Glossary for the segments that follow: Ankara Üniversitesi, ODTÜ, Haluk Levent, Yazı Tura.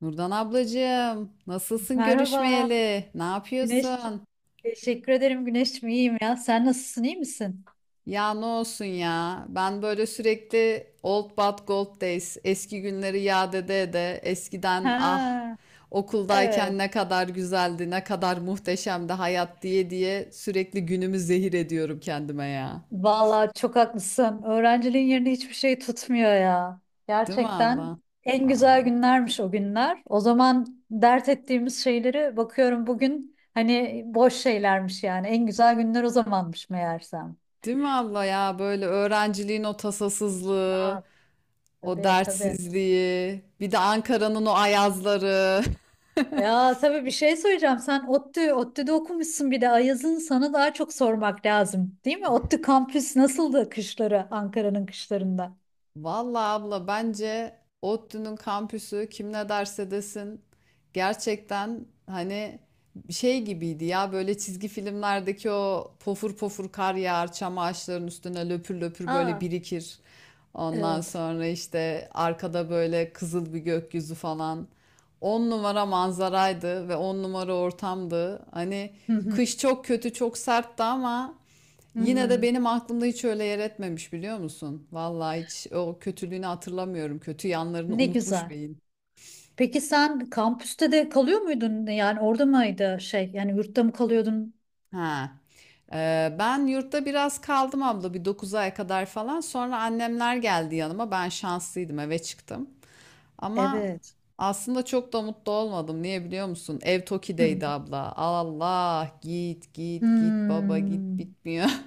Nurdan ablacığım, nasılsın Merhaba görüşmeyeli? Ne Güneş. yapıyorsun? Teşekkür ederim Güneş'cim iyiyim ya. Sen nasılsın iyi misin? Ya ne olsun ya? Ben böyle sürekli old but gold days, eski günleri yad ede ede, eskiden, ah, Ha, evet. okuldayken ne kadar güzeldi, ne kadar muhteşemdi hayat diye diye sürekli günümü zehir ediyorum kendime ya. Vallahi çok haklısın. Öğrenciliğin yerini hiçbir şey tutmuyor ya. Değil mi Gerçekten abla? en güzel Vallahi. günlermiş o günler. O zaman dert ettiğimiz şeyleri bakıyorum bugün hani boş şeylermiş yani. En güzel günler o zamanmış meğersem. Değil mi abla ya? Böyle öğrenciliğin o tasasızlığı, Aa, o tabii tabii. dertsizliği, bir de Ankara'nın o ayazları. Ya tabii bir şey söyleyeceğim. Sen ODTÜ'de okumuşsun bir de Ayaz'ın sana daha çok sormak lazım. Değil mi? ODTÜ kampüs nasıldı kışları, Ankara'nın kışlarında? Vallahi abla, bence ODTÜ'nün kampüsü kim ne derse desin gerçekten, hani şey gibiydi ya, böyle çizgi filmlerdeki o, pofur pofur kar yağar çam ağaçlarının üstüne löpür löpür böyle Aa, birikir. Ondan evet. sonra işte arkada böyle kızıl bir gökyüzü falan. On numara manzaraydı ve on numara ortamdı. Hani Hı hı, kış çok kötü, çok sertti ama hı yine de hı. benim aklımda hiç öyle yer etmemiş, biliyor musun? Vallahi hiç o kötülüğünü hatırlamıyorum. Kötü yanlarını Ne unutmuş güzel. beyin. Peki sen kampüste de kalıyor muydun? Yani orada mıydı şey? Yani yurtta mı kalıyordun? Ha. Ben yurtta biraz kaldım abla, bir 9 ay kadar falan. Sonra annemler geldi yanıma. Ben şanslıydım, eve çıktım. Ama Evet. aslında çok da mutlu olmadım. Niye biliyor musun? Ev Hı. Toki'deydi abla. Allah git git git baba git, Hmm. bitmiyor.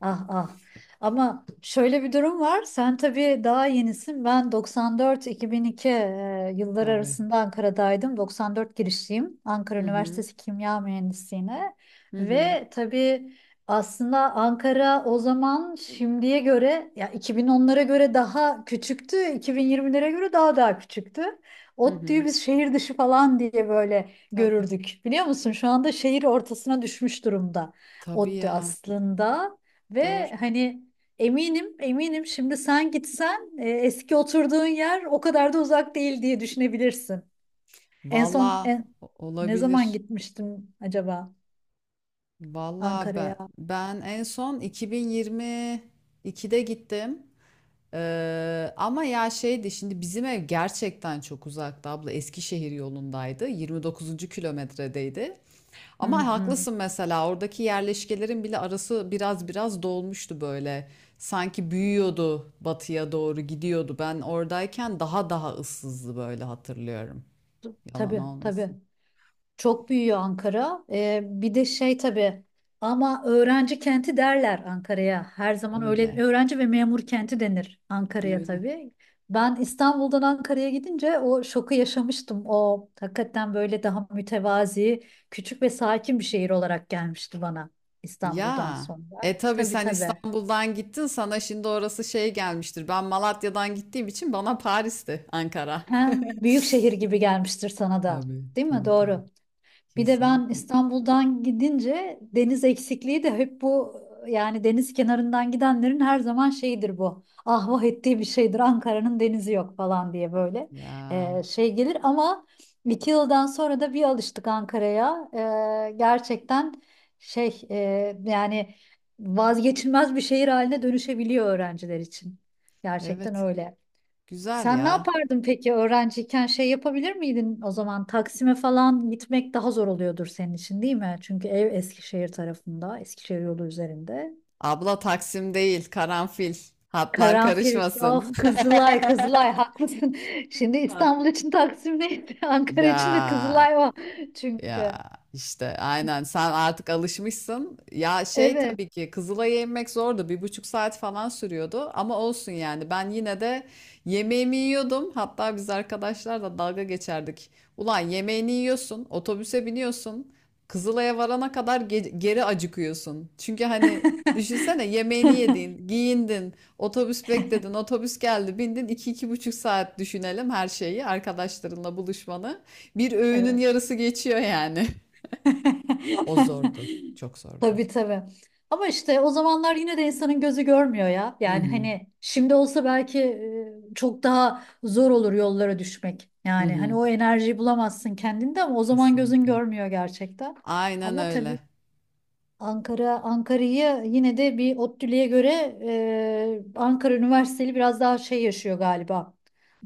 Ah ah. Ama şöyle bir durum var. Sen tabii daha yenisin. Ben 94-2002 yılları Tabii. arasında Ankara'daydım. 94 girişliyim. Ankara Hı hı. Üniversitesi Kimya Mühendisliğine. Hı hı. Ve tabii aslında Ankara o zaman şimdiye göre ya 2010'lara göre daha küçüktü. 2020'lere göre daha küçüktü. Hı ODTÜ'yü hı. biz şehir dışı falan diye böyle Tabii. görürdük. Biliyor musun? Şu anda şehir ortasına düşmüş durumda Tabii ODTÜ ya. aslında. Ve Doğru. hani eminim eminim şimdi sen gitsen eski oturduğun yer o kadar da uzak değil diye düşünebilirsin. En son Valla ne zaman olabilir. gitmiştim acaba Valla Ankara'ya? ben en son 2022'de gittim. Ama ya şeydi, şimdi bizim ev gerçekten çok uzakta abla, Eskişehir yolundaydı, 29. kilometredeydi, Hı ama hı. haklısın, mesela oradaki yerleşkelerin bile arası biraz biraz dolmuştu böyle, sanki büyüyordu, batıya doğru gidiyordu. Ben oradayken daha daha ıssızdı böyle, hatırlıyorum, yalan Tabii tabii. olmasın. Çok büyüyor Ankara. Bir de şey tabii ama öğrenci kenti derler Ankara'ya. Her zaman öyle Öyle öğrenci ve memur kenti denir Ankara'ya öyle. tabii. Ben İstanbul'dan Ankara'ya gidince o şoku yaşamıştım. O hakikaten böyle daha mütevazi, küçük ve sakin bir şehir olarak gelmişti bana İstanbul'dan Ya. sonra. E tabii Tabii sen tabii. İstanbul'dan gittin, sana şimdi orası şey gelmiştir. Ben Malatya'dan gittiğim için bana Paris'ti Ankara. Ha, büyük şehir gibi gelmiştir sana da. Tabii, Değil mi? tabii, tabii. Doğru. Bir de ben Kesinlikle. İstanbul'dan gidince deniz eksikliği de hep bu yani deniz kenarından gidenlerin her zaman şeyidir bu. Ah vah ettiği bir şeydir Ankara'nın denizi yok falan diye böyle Ya şey gelir ama 2 yıldan sonra da bir alıştık Ankara'ya. Gerçekten şey yani vazgeçilmez bir şehir haline dönüşebiliyor öğrenciler için. Gerçekten evet, öyle. güzel Sen ne ya. yapardın peki öğrenciyken şey yapabilir miydin o zaman Taksim'e falan gitmek daha zor oluyordur senin için değil mi? Çünkü ev Eskişehir tarafında, Eskişehir yolu üzerinde. Abla Taksim değil, Karanfil. Hatlar Karanfil, karışmasın. of Kızılay, Kızılay haklısın. Şimdi Hat- İstanbul için Taksim neydi? Ankara Ya, için de Kızılay o Ya çünkü. işte aynen, sen artık alışmışsın. Ya şey, Evet, tabii ki Kızılay'a inmek zordu. 1,5 saat falan sürüyordu. Ama olsun, yani ben yine de yemeğimi yiyordum. Hatta biz arkadaşlar da dalga geçerdik. Ulan yemeğini yiyorsun, otobüse biniyorsun, Kızılay'a varana kadar geri acıkıyorsun. Çünkü hani, düşünsene, yemeğini yedin, giyindin, otobüs bekledin, otobüs geldi, bindin. 2-2,5 saat düşünelim her şeyi, arkadaşlarınla buluşmanı. Bir öğünün evet. yarısı geçiyor yani. O zordu. Çok zordu. Tabii tabii. Ama işte o zamanlar yine de insanın gözü görmüyor ya. Hı Yani hı, hani şimdi olsa belki çok daha zor olur yollara düşmek. hı Yani hani hı, o enerjiyi bulamazsın kendinde ama o zaman gözün kesinlikle. görmüyor gerçekten. Aynen Ama öyle. tabii Ankara'yı yine de bir ODTÜ'lüye göre Ankara Üniversiteli biraz daha şey yaşıyor galiba.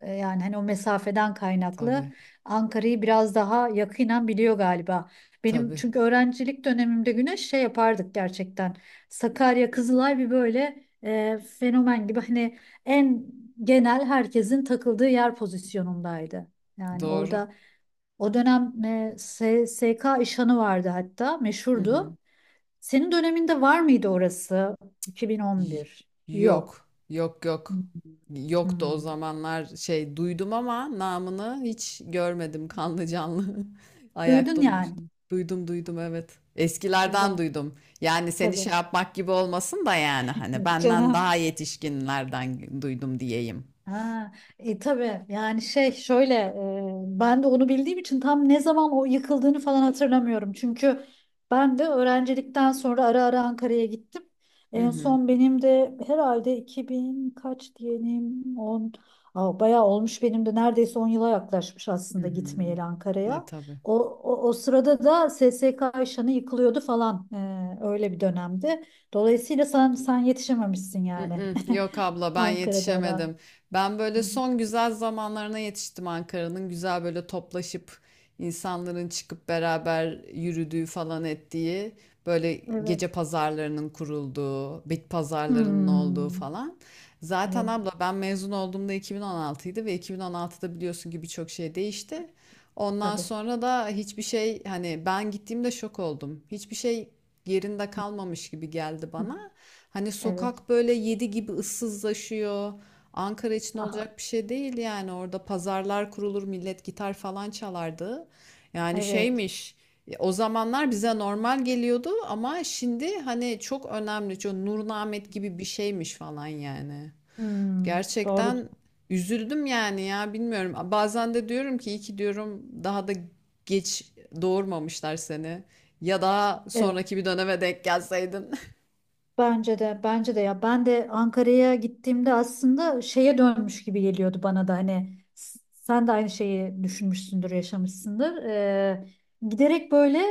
Yani hani o mesafeden kaynaklı Tabii, Ankara'yı biraz daha yakinen biliyor galiba. Benim tabii. çünkü öğrencilik dönemimde Güneş şey yapardık gerçekten. Sakarya, Kızılay bir böyle fenomen gibi hani en genel herkesin takıldığı yer pozisyonundaydı. Yani Doğru. orada o dönem SSK İşhan'ı vardı hatta Hı hı. meşhurdu. Senin döneminde var mıydı orası? Y- 2011. Yok. Yok, yok, yok. Hmm. Yoktu o Hmm. zamanlar, şey, duydum ama namını hiç görmedim kanlı canlı ayakta Duydun yani. oluşunu. Duydum, duydum, evet. Eskilerden Güzel. duydum. Yani seni Tabii. şey yapmak gibi olmasın da, yani hani Yok benden canım. daha yetişkinlerden duydum diyeyim. Ha, tabii yani şey şöyle ben de onu bildiğim için tam ne zaman o yıkıldığını falan hatırlamıyorum. Çünkü ben de öğrencilikten sonra ara ara Ankara'ya gittim. Hı En hı. son benim de herhalde 2000 kaç diyelim 10, Aa, bayağı olmuş benim de neredeyse 10 yıla yaklaşmış Hı aslında hı. gitmeyeli E Ankara'ya. tabii. O sırada da SSK Ayşanı yıkılıyordu falan öyle bir dönemdi. Dolayısıyla sen yetişememişsin yani. Mm-mm, yok abla, ben Ankara'da ona. yetişemedim. Ben böyle Hı hı. son güzel zamanlarına yetiştim Ankara'nın. Güzel böyle toplaşıp insanların çıkıp beraber yürüdüğü falan ettiği, böyle Evet. gece pazarlarının kurulduğu, bit pazarlarının olduğu Hmm. falan. Zaten Evet. abla ben mezun olduğumda 2016'ydı ve 2016'da biliyorsun ki birçok şey değişti. Ondan Tabii. sonra da hiçbir şey, hani ben gittiğimde şok oldum. Hiçbir şey yerinde kalmamış gibi geldi Hı. bana. Hani Evet. sokak böyle 7 gibi ıssızlaşıyor. Ankara için Aha. olacak bir şey değil yani. Orada pazarlar kurulur, millet gitar falan çalardı. Yani Evet. şeymiş, o zamanlar bize normal geliyordu ama şimdi hani çok önemli. Çok Nur Nahmet gibi bir şeymiş falan yani. Hmm. Doğru. Gerçekten üzüldüm yani, ya bilmiyorum. Bazen de diyorum ki, iyi ki diyorum daha da geç doğurmamışlar seni. Ya daha Evet. sonraki bir döneme denk gelseydin. Bence de ya ben de Ankara'ya gittiğimde aslında şeye dönmüş gibi geliyordu bana da hani sen de aynı şeyi düşünmüşsündür, yaşamışsındır. Giderek böyle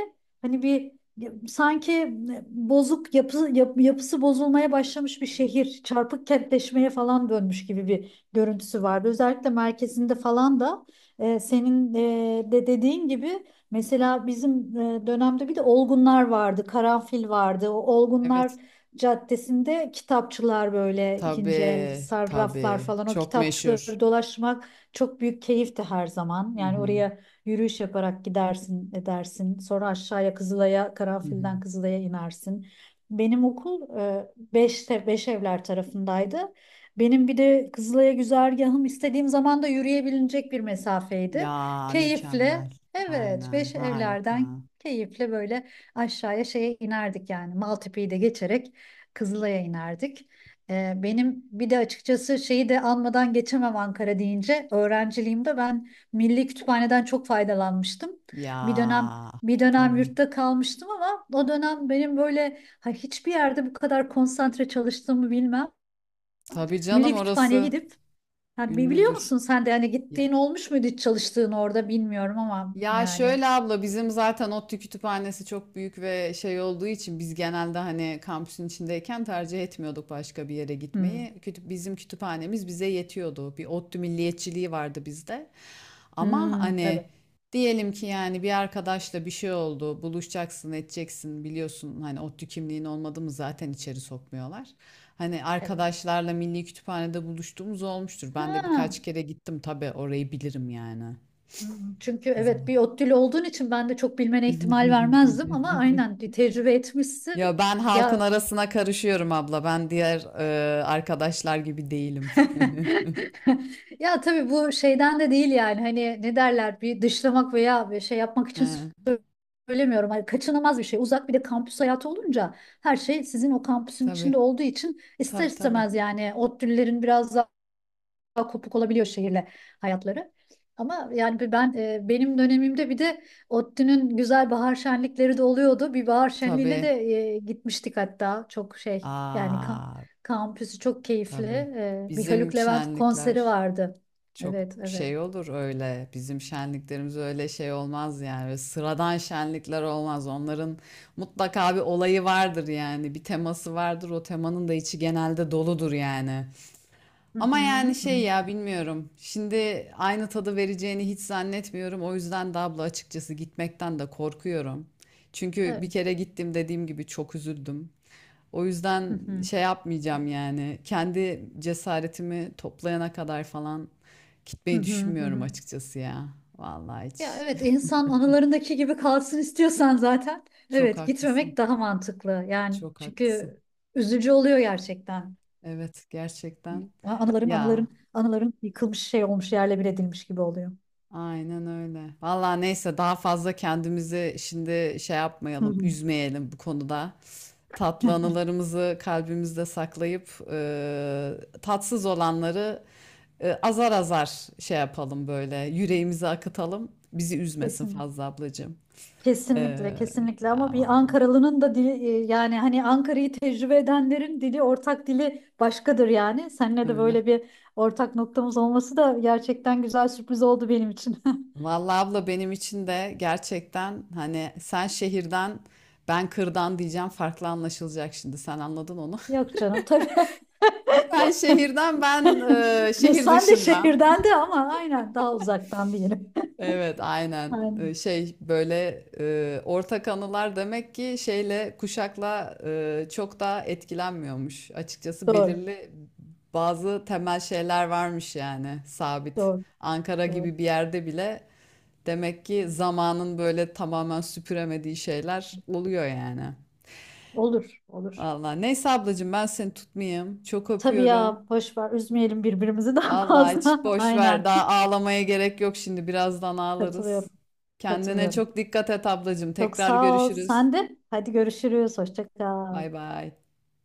hani bir sanki yapısı bozulmaya başlamış bir şehir, çarpık kentleşmeye falan dönmüş gibi bir görüntüsü vardı. Özellikle merkezinde falan da senin de dediğin gibi mesela bizim dönemde bir de olgunlar vardı, karanfil vardı. O olgunlar Evet. caddesinde kitapçılar böyle ikinci el Tabii, sarraflar tabii. falan o Çok meşhur. kitapçıları dolaşmak çok büyük keyifti her zaman. Hı Yani hı, oraya yürüyüş yaparak gidersin edersin sonra aşağıya Kızılay'a hı hı. Karanfil'den Kızılay'a inersin. Benim okul beş evler tarafındaydı. Benim bir de Kızılay'a güzergahım istediğim zaman da yürüyebilecek bir mesafeydi. Ya Keyifle mükemmel. evet Aynen beş evlerden harika. keyifle böyle aşağıya şeye inerdik yani Maltepe'yi de geçerek Kızılay'a inerdik. Benim bir de açıkçası şeyi de almadan geçemem Ankara deyince öğrenciliğimde ben Milli Kütüphane'den çok faydalanmıştım. Bir dönem Ya bir dönem tabii. yurtta kalmıştım ama o dönem benim böyle hiçbir yerde bu kadar konsantre çalıştığımı bilmem. Tabii canım, Milli Kütüphane'ye orası gidip yani biliyor ünlüdür. musun sen de yani Ya, gittiğin olmuş muydu hiç çalıştığın orada bilmiyorum ama yani şöyle abla, bizim zaten ODTÜ kütüphanesi çok büyük ve şey olduğu için biz genelde, hani kampüsün içindeyken tercih etmiyorduk başka bir yere hmm, gitmeyi. Bizim kütüphanemiz bize yetiyordu. Bir ODTÜ milliyetçiliği vardı bizde. Ama hmm, hani tabii diyelim ki yani, bir arkadaşla bir şey oldu, buluşacaksın, edeceksin, biliyorsun hani ODTÜ kimliğin olmadı mı zaten içeri sokmuyorlar. Hani evet. arkadaşlarla Milli Kütüphane'de buluştuğumuz olmuştur. Ben de Ha. birkaç kere gittim, tabii orayı bilirim yani. Hı hı. Çünkü evet Güzel. bir ODTÜ'lü olduğun için ben de çok bilmene ihtimal vermezdim ama aynen bir tecrübe etmişsin. Ya ben halkın Ya arasına karışıyorum abla. Ben diğer arkadaşlar gibi değilim. ya tabii bu şeyden de değil yani hani ne derler bir dışlamak veya bir şey yapmak için He, söylemiyorum. Hani kaçınılmaz bir şey. Uzak bir de kampüs hayatı olunca her şey sizin o kampüsün tabii, içinde olduğu için ister tabii, tabii, istemez yani ODTÜ'lülerin biraz daha kopuk olabiliyor şehirle hayatları. Ama yani benim dönemimde bir de ODTÜ'nün güzel bahar şenlikleri de oluyordu. Bir bahar şenliğine de tabii. Gitmiştik hatta. Çok şey yani Aa, kampüsü çok keyifli. tabii. Bir Bizim Haluk Levent konseri şenlikler vardı. çok Evet, evet. şey olur öyle. Bizim şenliklerimiz öyle şey olmaz yani. Böyle sıradan şenlikler olmaz. Onların mutlaka bir olayı vardır yani. Bir teması vardır. O temanın da içi genelde doludur yani. Hı hı, Ama yani şey, hı. ya bilmiyorum. Şimdi aynı tadı vereceğini hiç zannetmiyorum. O yüzden de abla, açıkçası gitmekten de korkuyorum. Çünkü bir Evet. kere gittim, dediğim gibi, çok üzüldüm. O Hı yüzden hı, şey yapmayacağım yani. Kendi cesaretimi toplayana kadar falan hı gitmeyi hı, hı düşünmüyorum hı. açıkçası ya. Vallahi Ya hiç. evet insan anılarındaki gibi kalsın istiyorsan zaten Çok evet haklısın. gitmemek daha mantıklı. Yani Çok haklısın. çünkü üzücü oluyor gerçekten. Evet, gerçekten. A- Anıların anıların Ya, anıların yıkılmış şey olmuş yerle bir edilmiş gibi oluyor. aynen öyle. Vallahi neyse, daha fazla kendimizi şimdi şey Hı yapmayalım, hı. üzmeyelim bu konuda. Tatlı anılarımızı kalbimizde saklayıp tatsız olanları azar azar şey yapalım böyle, yüreğimizi akıtalım. Bizi üzmesin Kesin. fazla ablacığım. E, Kesinlikle, kesinlikle ama ya bir Ankaralı'nın da dili yani hani Ankara'yı tecrübe edenlerin ortak dili başkadır yani. Seninle de öyle. böyle bir ortak noktamız olması da gerçekten güzel sürpriz oldu benim için. Vallahi abla, benim için de gerçekten, hani sen şehirden ben kırdan diyeceğim, farklı anlaşılacak, şimdi sen anladın onu. Yok canım tabii. Ben şehirden, şehir Sen de dışından. şehirden de ama aynen daha uzaktan diyelim. Evet aynen. Aynen. Şey, böyle ortak anılar demek ki şeyle, kuşakla çok da etkilenmiyormuş. Açıkçası Doğru, belirli bazı temel şeyler varmış yani, sabit. doğru, Ankara doğru. gibi bir yerde bile demek ki zamanın böyle tamamen süpüremediği şeyler oluyor yani. Olur, olur. Vallahi neyse ablacığım, ben seni tutmayayım. Çok Tabii öpüyorum. ya boş ver üzmeyelim birbirimizi daha Vallahi hiç, fazla. boş ver. Aynen Daha ağlamaya gerek yok şimdi. Birazdan ağlarız. katılıyorum Kendine katılıyorum. çok dikkat et ablacığım. Çok Tekrar sağ ol görüşürüz. sen de. Hadi görüşürüz hoşça kal. Bay bay.